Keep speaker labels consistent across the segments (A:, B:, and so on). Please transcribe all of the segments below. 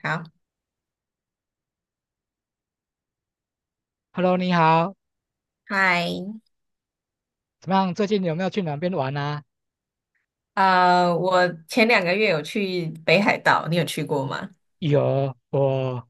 A: 好。
B: Hello，你好，
A: 嗨。
B: 怎么样？最近有没有去哪边玩啊？
A: 我前两个月有去北海道，你有去过吗？
B: 有，我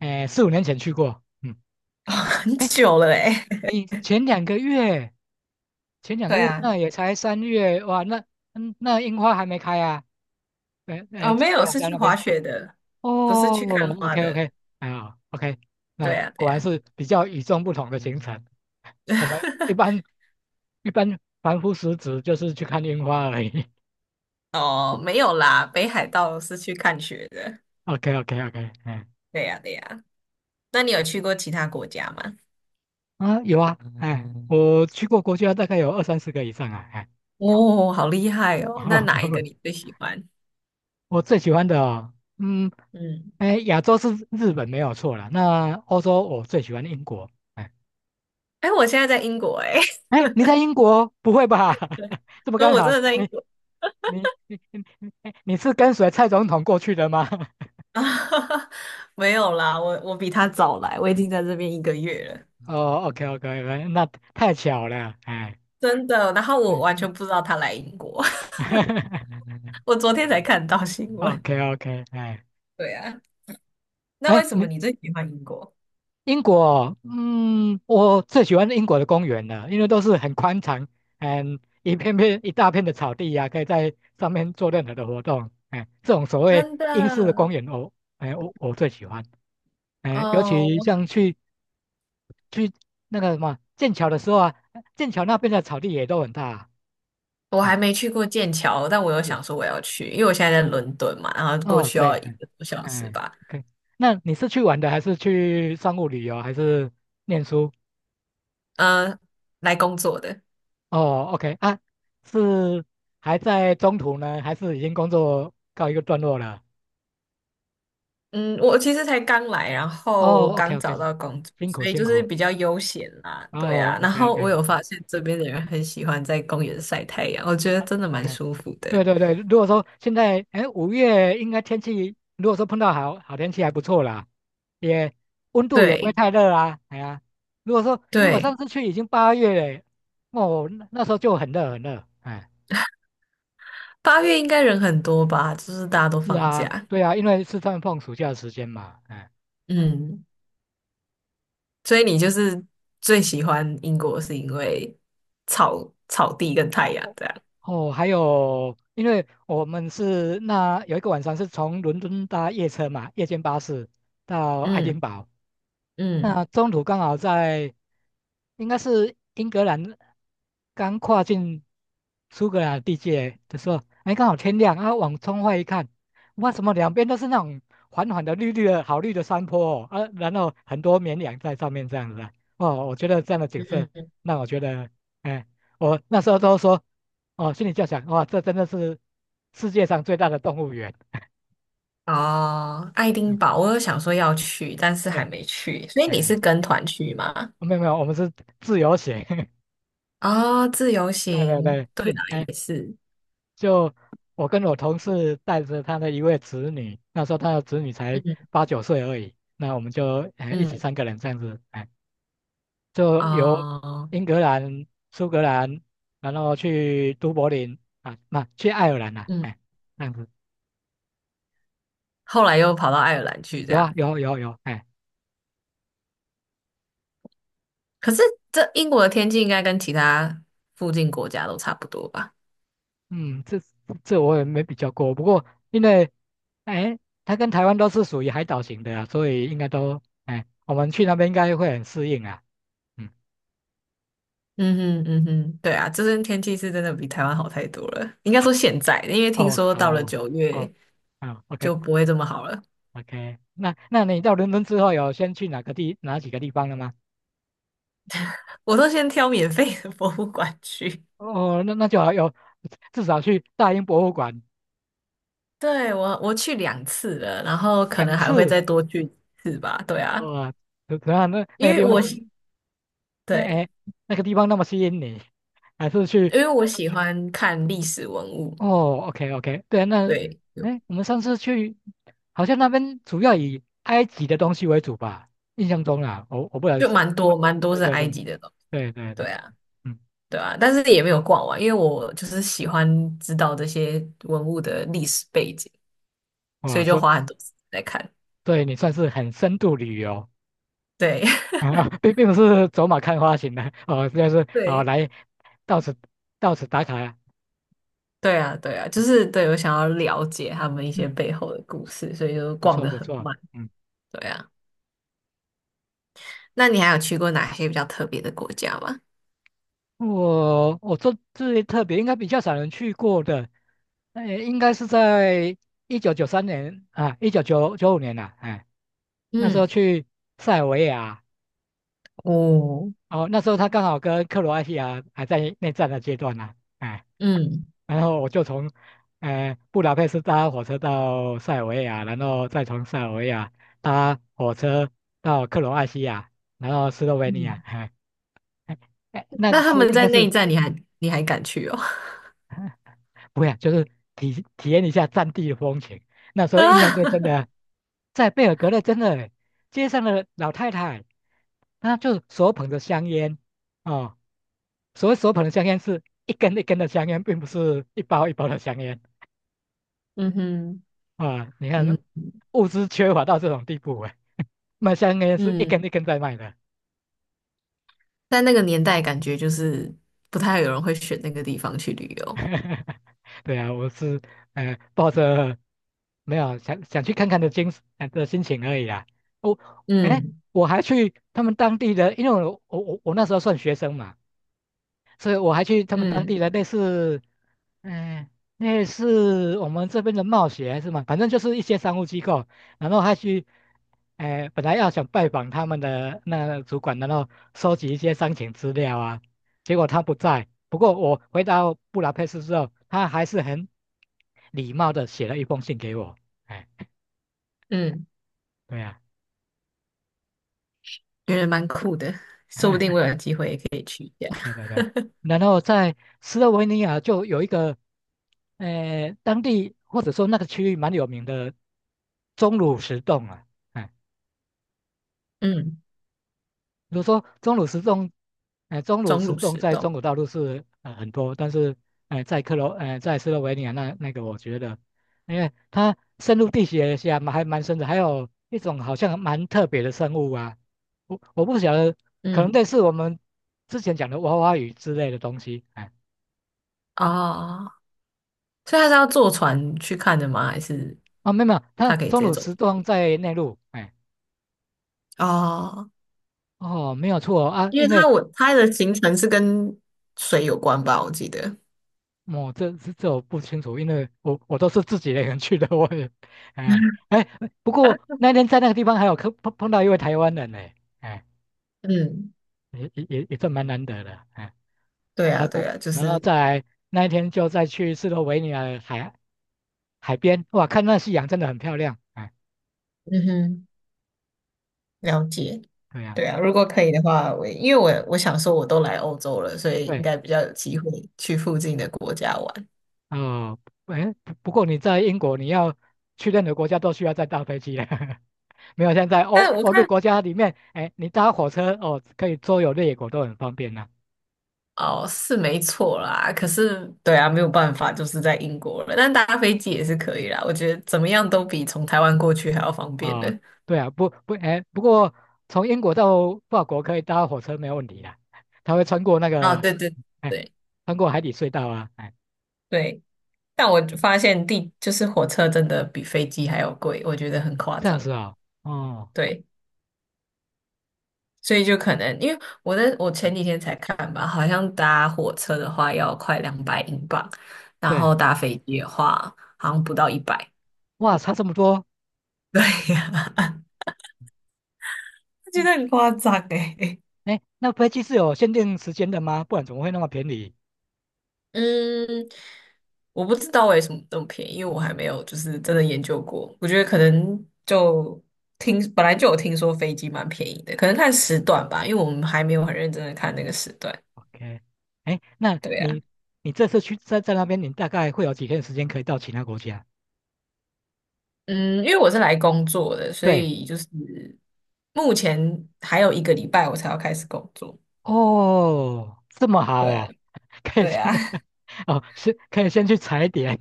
B: 诶4、5年前去过。嗯，
A: 哦，很
B: 哎，
A: 久了诶。
B: 你 前两个月，前两个
A: 对
B: 月
A: 啊。
B: 那也才3月，哇，那嗯那樱花还没开啊？诶诶，
A: 哦，
B: 在
A: 没
B: 北
A: 有，
B: 海
A: 是
B: 道
A: 去
B: 那
A: 滑
B: 边。
A: 雪的，不是
B: 哦
A: 去看花
B: ，OK
A: 的。
B: OK，哎 o k 那
A: 对啊，对
B: 果然
A: 啊。
B: 是比较与众不同的行程。我们一 般凡夫俗子就是去看樱花而已。
A: 哦，没有啦，北海道是去看雪的。
B: OK OK OK，
A: 对呀，对呀。那你有去过其他国家吗？
B: 啊，有啊，哎，我去过国家大概有二三十个以上啊，哎，
A: 哦，好厉害哦！那哪一个 你最喜欢？
B: 我最喜欢的哦，嗯，
A: 嗯。
B: 哎，亚洲是日本没有错了，那欧洲我最喜欢英国，哎，
A: 哎，我现在在英国哎。
B: 哎，你在英国不会吧？这么
A: 那
B: 刚
A: 我真
B: 好，
A: 的在英
B: 你
A: 国。
B: 你你是跟随蔡总统过去的吗？
A: 啊，没有啦，我比他早来，我已经在这边一个月了。
B: 哦，OK OK，那太巧了，哎，
A: 真的。然后我
B: 嗯
A: 完
B: 嗯
A: 全不知道他来英国，我昨天才看到新闻。
B: ，OK OK，哎，
A: 对啊。那为什么
B: 你
A: 你最喜欢英国？
B: 英国，嗯，我最喜欢英国的公园了，因为都是很宽敞，嗯，一片片一大片的草地呀、可以在上面做任何的活动。哎，这种所谓
A: 真
B: 英式的
A: 的。
B: 公园，我，哎，我最喜欢。哎，尤
A: 哦，
B: 其
A: 我
B: 像去去那个什么剑桥的时候啊，剑桥那边的草地也都很大。
A: 我还
B: 哎，
A: 没去过剑桥，但我有
B: 是，
A: 想说我要去，因为我现在在伦敦嘛，然后过
B: 哦，
A: 去
B: 对，
A: 要一
B: 哎，
A: 个多小时
B: 哎
A: 吧。
B: ，OK。那你是去玩的，还是去商务旅游，还是念书？
A: 嗯、来工作的。
B: 哦，OK 啊，是还在中途呢，还是已经工作告一个段落了？
A: 嗯，我其实才刚来，然后
B: 哦，OK
A: 刚
B: OK，
A: 找到工作，
B: 辛苦
A: 所以
B: 辛
A: 就是
B: 苦。
A: 比较悠闲啦，对
B: 哦
A: 啊。然
B: ，OK
A: 后我
B: OK，
A: 有发现这边的人很喜欢在公园晒太阳，我觉得真的蛮
B: 哎，
A: 舒服的。
B: 对对对，如果说现在哎5月应该天气，如果说碰到好好天气还不错啦，也温度也不会
A: 对
B: 太热啊，哎呀，如果说因为我
A: 对。
B: 上次去已经8月了，哦，那那时候就很热很热，哎，
A: 八月应该人很多吧，就是大家都
B: 是
A: 放
B: 啊，
A: 假。
B: 对啊，因为是在放暑假的时间嘛，哎。
A: 嗯，所以你就是最喜欢英国是因为草地跟太阳
B: 哦
A: 这样。
B: 哦，还有，因为我们是那有一个晚上是从伦敦搭夜车嘛，夜间巴士到爱
A: 嗯
B: 丁堡，
A: 嗯，
B: 那中途刚好在，应该是英格兰刚跨进苏格兰地界的时候，哎，刚好天亮，啊，往窗外一看，哇，怎么两边都是那种缓缓的绿绿的好绿的山坡哦，啊，然后很多绵羊在上面这样子啊，哦，我觉得这样的景
A: 嗯
B: 色
A: 嗯。
B: 让我觉得，哎，我那时候都说，哦，心里就想，哇，这真的是世界上最大的动物园，
A: 哦，爱丁
B: 嗯
A: 堡，我有想说要去，但是还
B: 对，
A: 没去。所以你是
B: 哎，
A: 跟团去吗？
B: 没有，我们是自由行。
A: 啊、自由
B: 对对
A: 行，
B: 对，
A: 对
B: 是
A: 啦，
B: 哎、
A: 也是。
B: 就我跟我同事带着他的一位子女，那时候他的子女才
A: 嗯
B: 8、9岁而已，那我们就哎一起三
A: 嗯。
B: 个人这样子，哎，就由
A: 啊、
B: 英格兰、苏格兰，然后去都柏林啊，那、去爱尔兰啊，
A: 嗯。
B: 哎，这样子
A: 后来又跑到爱尔兰去这
B: 有啊
A: 样。
B: 有有有，哎，
A: 可是这英国的天气应该跟其他附近国家都差不多吧？
B: 嗯，这我也没比较过，不过因为哎，他跟台湾都是属于海岛型的啊，所以应该都哎，我们去那边应该会很适应啊，嗯。
A: 嗯哼嗯哼，对啊，这边天气是真的比台湾好太多了。应该说现在，因为听
B: 哦，
A: 说
B: 好，
A: 到了九月
B: 哦，好
A: 就不会这么好了。
B: ，OK，OK，那那你到伦敦之后有先去哪个地哪几个地方了吗？
A: 我都先挑免费的博物馆去。
B: 哦，那那就好有至少去大英博物馆
A: 对，我去两次了，然后可
B: 两
A: 能还会
B: 次，
A: 再多去一次吧。对啊，
B: 哇、怎怎样？那那
A: 因
B: 个地
A: 为
B: 方，
A: 我
B: 那
A: 对。
B: 哎，那个地方那么吸引你，还是去
A: 因为我喜欢看历史文物。
B: 哦，OK，OK，对啊，那
A: 对，
B: 哎，我们上次去好像那边主要以埃及的东西为主吧，印象中啦，我不能，
A: 就蛮多
B: 对
A: 是
B: 对
A: 埃
B: 对
A: 及的东西。
B: 对对对，
A: 对啊，
B: 嗯，
A: 对啊，但是也没有逛完，因为我就是喜欢知道这些文物的历史背景，所
B: 哇，
A: 以就
B: 说
A: 花很多时间在看。
B: 对你算是很深度旅游。
A: 对。
B: 啊，并不是走马看花型的哦，就是 哦
A: 对，
B: 来到此打卡呀。
A: 对啊，对啊，就是对我想要了解他们一
B: 嗯，
A: 些
B: 嗯
A: 背后的故事，所以就
B: 不
A: 逛
B: 错
A: 得
B: 不
A: 很
B: 错。
A: 慢。
B: 嗯，
A: 对啊。那你还有去过哪些比较特别的国家吗？
B: 我这最特别应该比较少人去过的，应该是在1993年啊，一九九九五年了，哎，那时候
A: 嗯。
B: 去塞尔维亚，
A: 哦。
B: 哦，那时候他刚好跟克罗埃西亚还在内战的阶段呢、哎
A: 嗯
B: 然后我就从，布达佩斯搭火车到塞尔维亚，然后再从塞尔维亚搭火车到克罗埃西亚，然后斯洛维尼亚，
A: 嗯。
B: 哎哎，哎那个
A: 那他
B: 是
A: 们
B: 应
A: 在
B: 该
A: 内
B: 是
A: 战，你还敢去哦？
B: 不要，就是体验一下战地的风情。那时 候印象
A: 啊。
B: 最深的，在贝尔格勒真的街上的老太太，她就手捧着香烟，哦，所谓手捧的香烟是一根一根的香烟，并不是一包一包的香烟。
A: 嗯哼。
B: 啊，你
A: 嗯
B: 看物资缺乏到这种地步哎、卖香烟是一
A: 嗯。
B: 根一根在卖的。
A: 在那个年代，感觉就是不太有人会选那个地方去旅游。
B: 对啊，我是抱着没有想去看看的精神的心情而已啦。我、哎，诶
A: 嗯
B: 我还去他们当地的，因为我那时候算学生嘛，所以我还去他们当地
A: 嗯。
B: 的类似，嗯、类似我们这边的贸协还是什么，反正就是一些商务机构，然后还去，哎、本来要想拜访他们的那个主管，然后收集一些商情资料啊，结果他不在。不过我回到布达佩斯之后，他还是很礼貌的写了一封信给我。哎，
A: 嗯，
B: 对呀、
A: 觉得蛮酷的，说不
B: 啊
A: 定 我有机会。
B: 对对对，然后在斯洛文尼亚就有一个，当地或者说那个区域蛮有名的钟乳石洞啊，哎，
A: 嗯。
B: 比如说钟乳石洞，哎，钟乳
A: 钟
B: 石
A: 乳
B: 洞
A: 石
B: 在中
A: 洞。
B: 国大陆是很多，但是哎，在克罗，哎，在斯洛文尼亚那我觉得，因为它深入地学下嘛，还蛮深的，还有一种好像蛮特别的生物啊，我不晓得，可能
A: 嗯。
B: 类似我们之前讲的娃娃鱼之类的东西，哎。
A: 哦，所以他是要坐船去看的吗？还是
B: 哦，没有，它
A: 他可以直
B: 中
A: 接
B: 乳
A: 走？
B: 石洞在内陆，哎，
A: 哦，
B: 哦，没有错哦啊，
A: 因为
B: 因为
A: 他的行程是跟水有关吧，我记得。
B: 我、这这我不清楚，因为我都是自己一个人去的，我也，哎，不过那天在那个地方还有碰到一位台湾人呢，哎，
A: 嗯。
B: 也算蛮难得的，哎
A: 对
B: 啊
A: 啊，
B: 不，
A: 对啊，就
B: 然后
A: 是。
B: 在那一天就再去斯洛维尼亚的海边，哇，看那夕阳真的很漂亮，哎，
A: 嗯哼。了解。
B: 对呀、
A: 对啊，如果可以的话，因为我想说我都来欧洲了，所以应
B: 对，
A: 该比较有机会去附近的国家玩。
B: 哦，哎，不过你在英国你要去任何国家都需要再搭飞机了。没有现在
A: 但我
B: 欧洲
A: 看，
B: 国家里面，哎，你搭火车哦，可以周游列国都很方便呐、
A: 哦，是没错啦，可是对啊，没有办法，就是在英国了。但搭飞机也是可以啦，我觉得怎么样都比从台湾过去还要方便
B: 啊。
A: 的。
B: 对啊，不不，哎，不过从英国到法国可以搭火车没有问题啦，它会穿过那
A: 啊，
B: 个，哎，
A: 对
B: 穿过海底隧道啊，哎，
A: 对，但我就发现就是火车真的比飞机还要贵，我觉得很夸
B: 这样
A: 张。
B: 子啊、哦，哦，
A: 对。所以就可能因为我前几天才看吧，好像搭火车的话要
B: 嗯
A: 快200英镑，然
B: 对，
A: 后搭飞机的话好像不到一百。
B: 哇，差这么多，
A: 对呀、我觉
B: 嗯
A: 得很夸张诶。
B: 哎，那飞机是有限定时间的吗？不然怎么会那么便宜
A: 嗯，我不知道为什么那么便宜，因为我还没有就是真的研究过。我觉得可能就听本来就有听说飞机蛮便宜的，可能看时段吧，因为我们还没有很认真的看那个时段。
B: ？OK，哎，那
A: 对呀。
B: 你你这次去在那边，你大概会有几天时间可以到其他国家？
A: 嗯，因为我是来工作的，所
B: 对。
A: 以就是目前还有一个礼拜我才要开始工作。
B: 哦，这么好
A: 对啊，
B: 哦，可以
A: 对
B: 先
A: 啊。
B: 哦，先可以先去踩点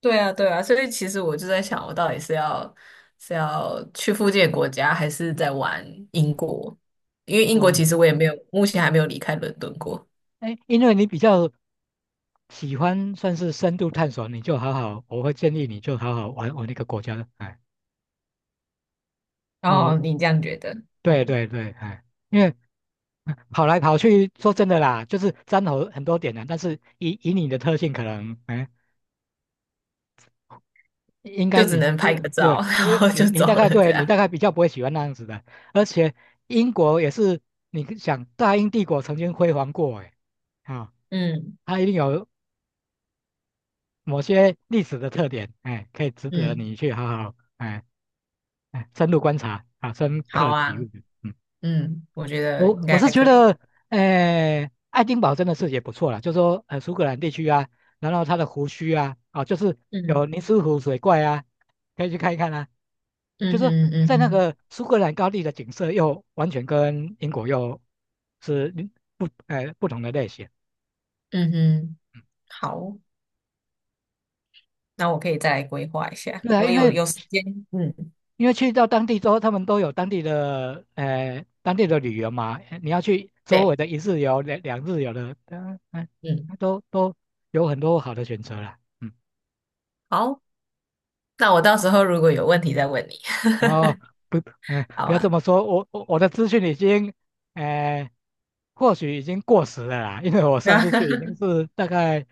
A: 对啊，对啊，所以其实我就在想，我到底是要是要去附近的国家，还是在玩英国？因为英国其
B: 哦。
A: 实我也没有，目前还没有离开伦敦过。
B: 哎，因为你比较喜欢算是深度探索，你就好好，我会建议你就好好玩玩那个国家。哎，哦，
A: 哦，你这样觉得？
B: 对
A: 嗯，
B: 对对，哎，因为跑来跑去，说真的啦，就是沾头很多点的，但是以你的特性，可能哎应该
A: 就只
B: 你
A: 能
B: 不
A: 拍个照，
B: 对，
A: 然
B: 因为
A: 后就
B: 你
A: 走
B: 大概
A: 了这
B: 对你
A: 样。
B: 大概比较不会喜欢那样子的，而且英国也是，你想大英帝国曾经辉煌过，哎，啊，
A: 嗯
B: 它一定有某些历史的特点，哎，可以值得
A: 嗯。
B: 你去好好哎深入观察啊，深
A: 好
B: 刻体
A: 啊。
B: 悟，嗯。
A: 嗯，我觉得应
B: 我
A: 该
B: 是觉
A: 可以。
B: 得，爱丁堡真的是也不错啦，就是说苏格兰地区啊，然后它的湖区啊，啊就是有
A: 嗯。
B: 尼斯湖水怪啊，可以去看一看啊。就
A: 嗯
B: 是说
A: 哼嗯
B: 在那
A: 哼
B: 个苏格兰高地的景色又完全跟英国又是嗯不不同的类型。
A: 嗯哼。
B: 嗯
A: 好，那我可以再来规划一下。
B: 对啊，
A: 我
B: 因
A: 有
B: 为
A: 有时间。嗯。
B: 去到当地之后，他们都有当地的当地的旅游嘛，你要去周围
A: 对。
B: 的一日游、两日游的，嗯、嗯，
A: 嗯。
B: 都有很多好的选择啦。嗯，
A: 好，那我到时候如果有问题再问你。
B: 然后不，嗯、
A: 好
B: 不要这
A: 吧？
B: 么说，我我的资讯已经，呃，或许已经过时了啦，因为我上
A: 啊。
B: 次去已经 是大概，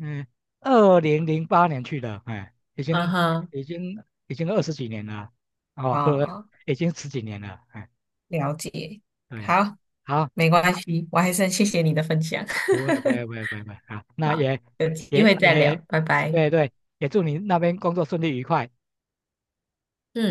B: 嗯、2008年去的，哎、已
A: 嗯
B: 经
A: 哼。
B: 已经已经20几年了，哦，不，
A: 啊。
B: 已经十几年了，哎、
A: 了解。
B: 对。
A: 好。
B: 好。
A: 没关系，我还是很谢谢你的分享。
B: 不会，好，那
A: 好，
B: 也
A: 有机
B: 也
A: 会再
B: 也，
A: 聊，拜拜。
B: 对对，也祝你那边工作顺利愉快。
A: 嗯。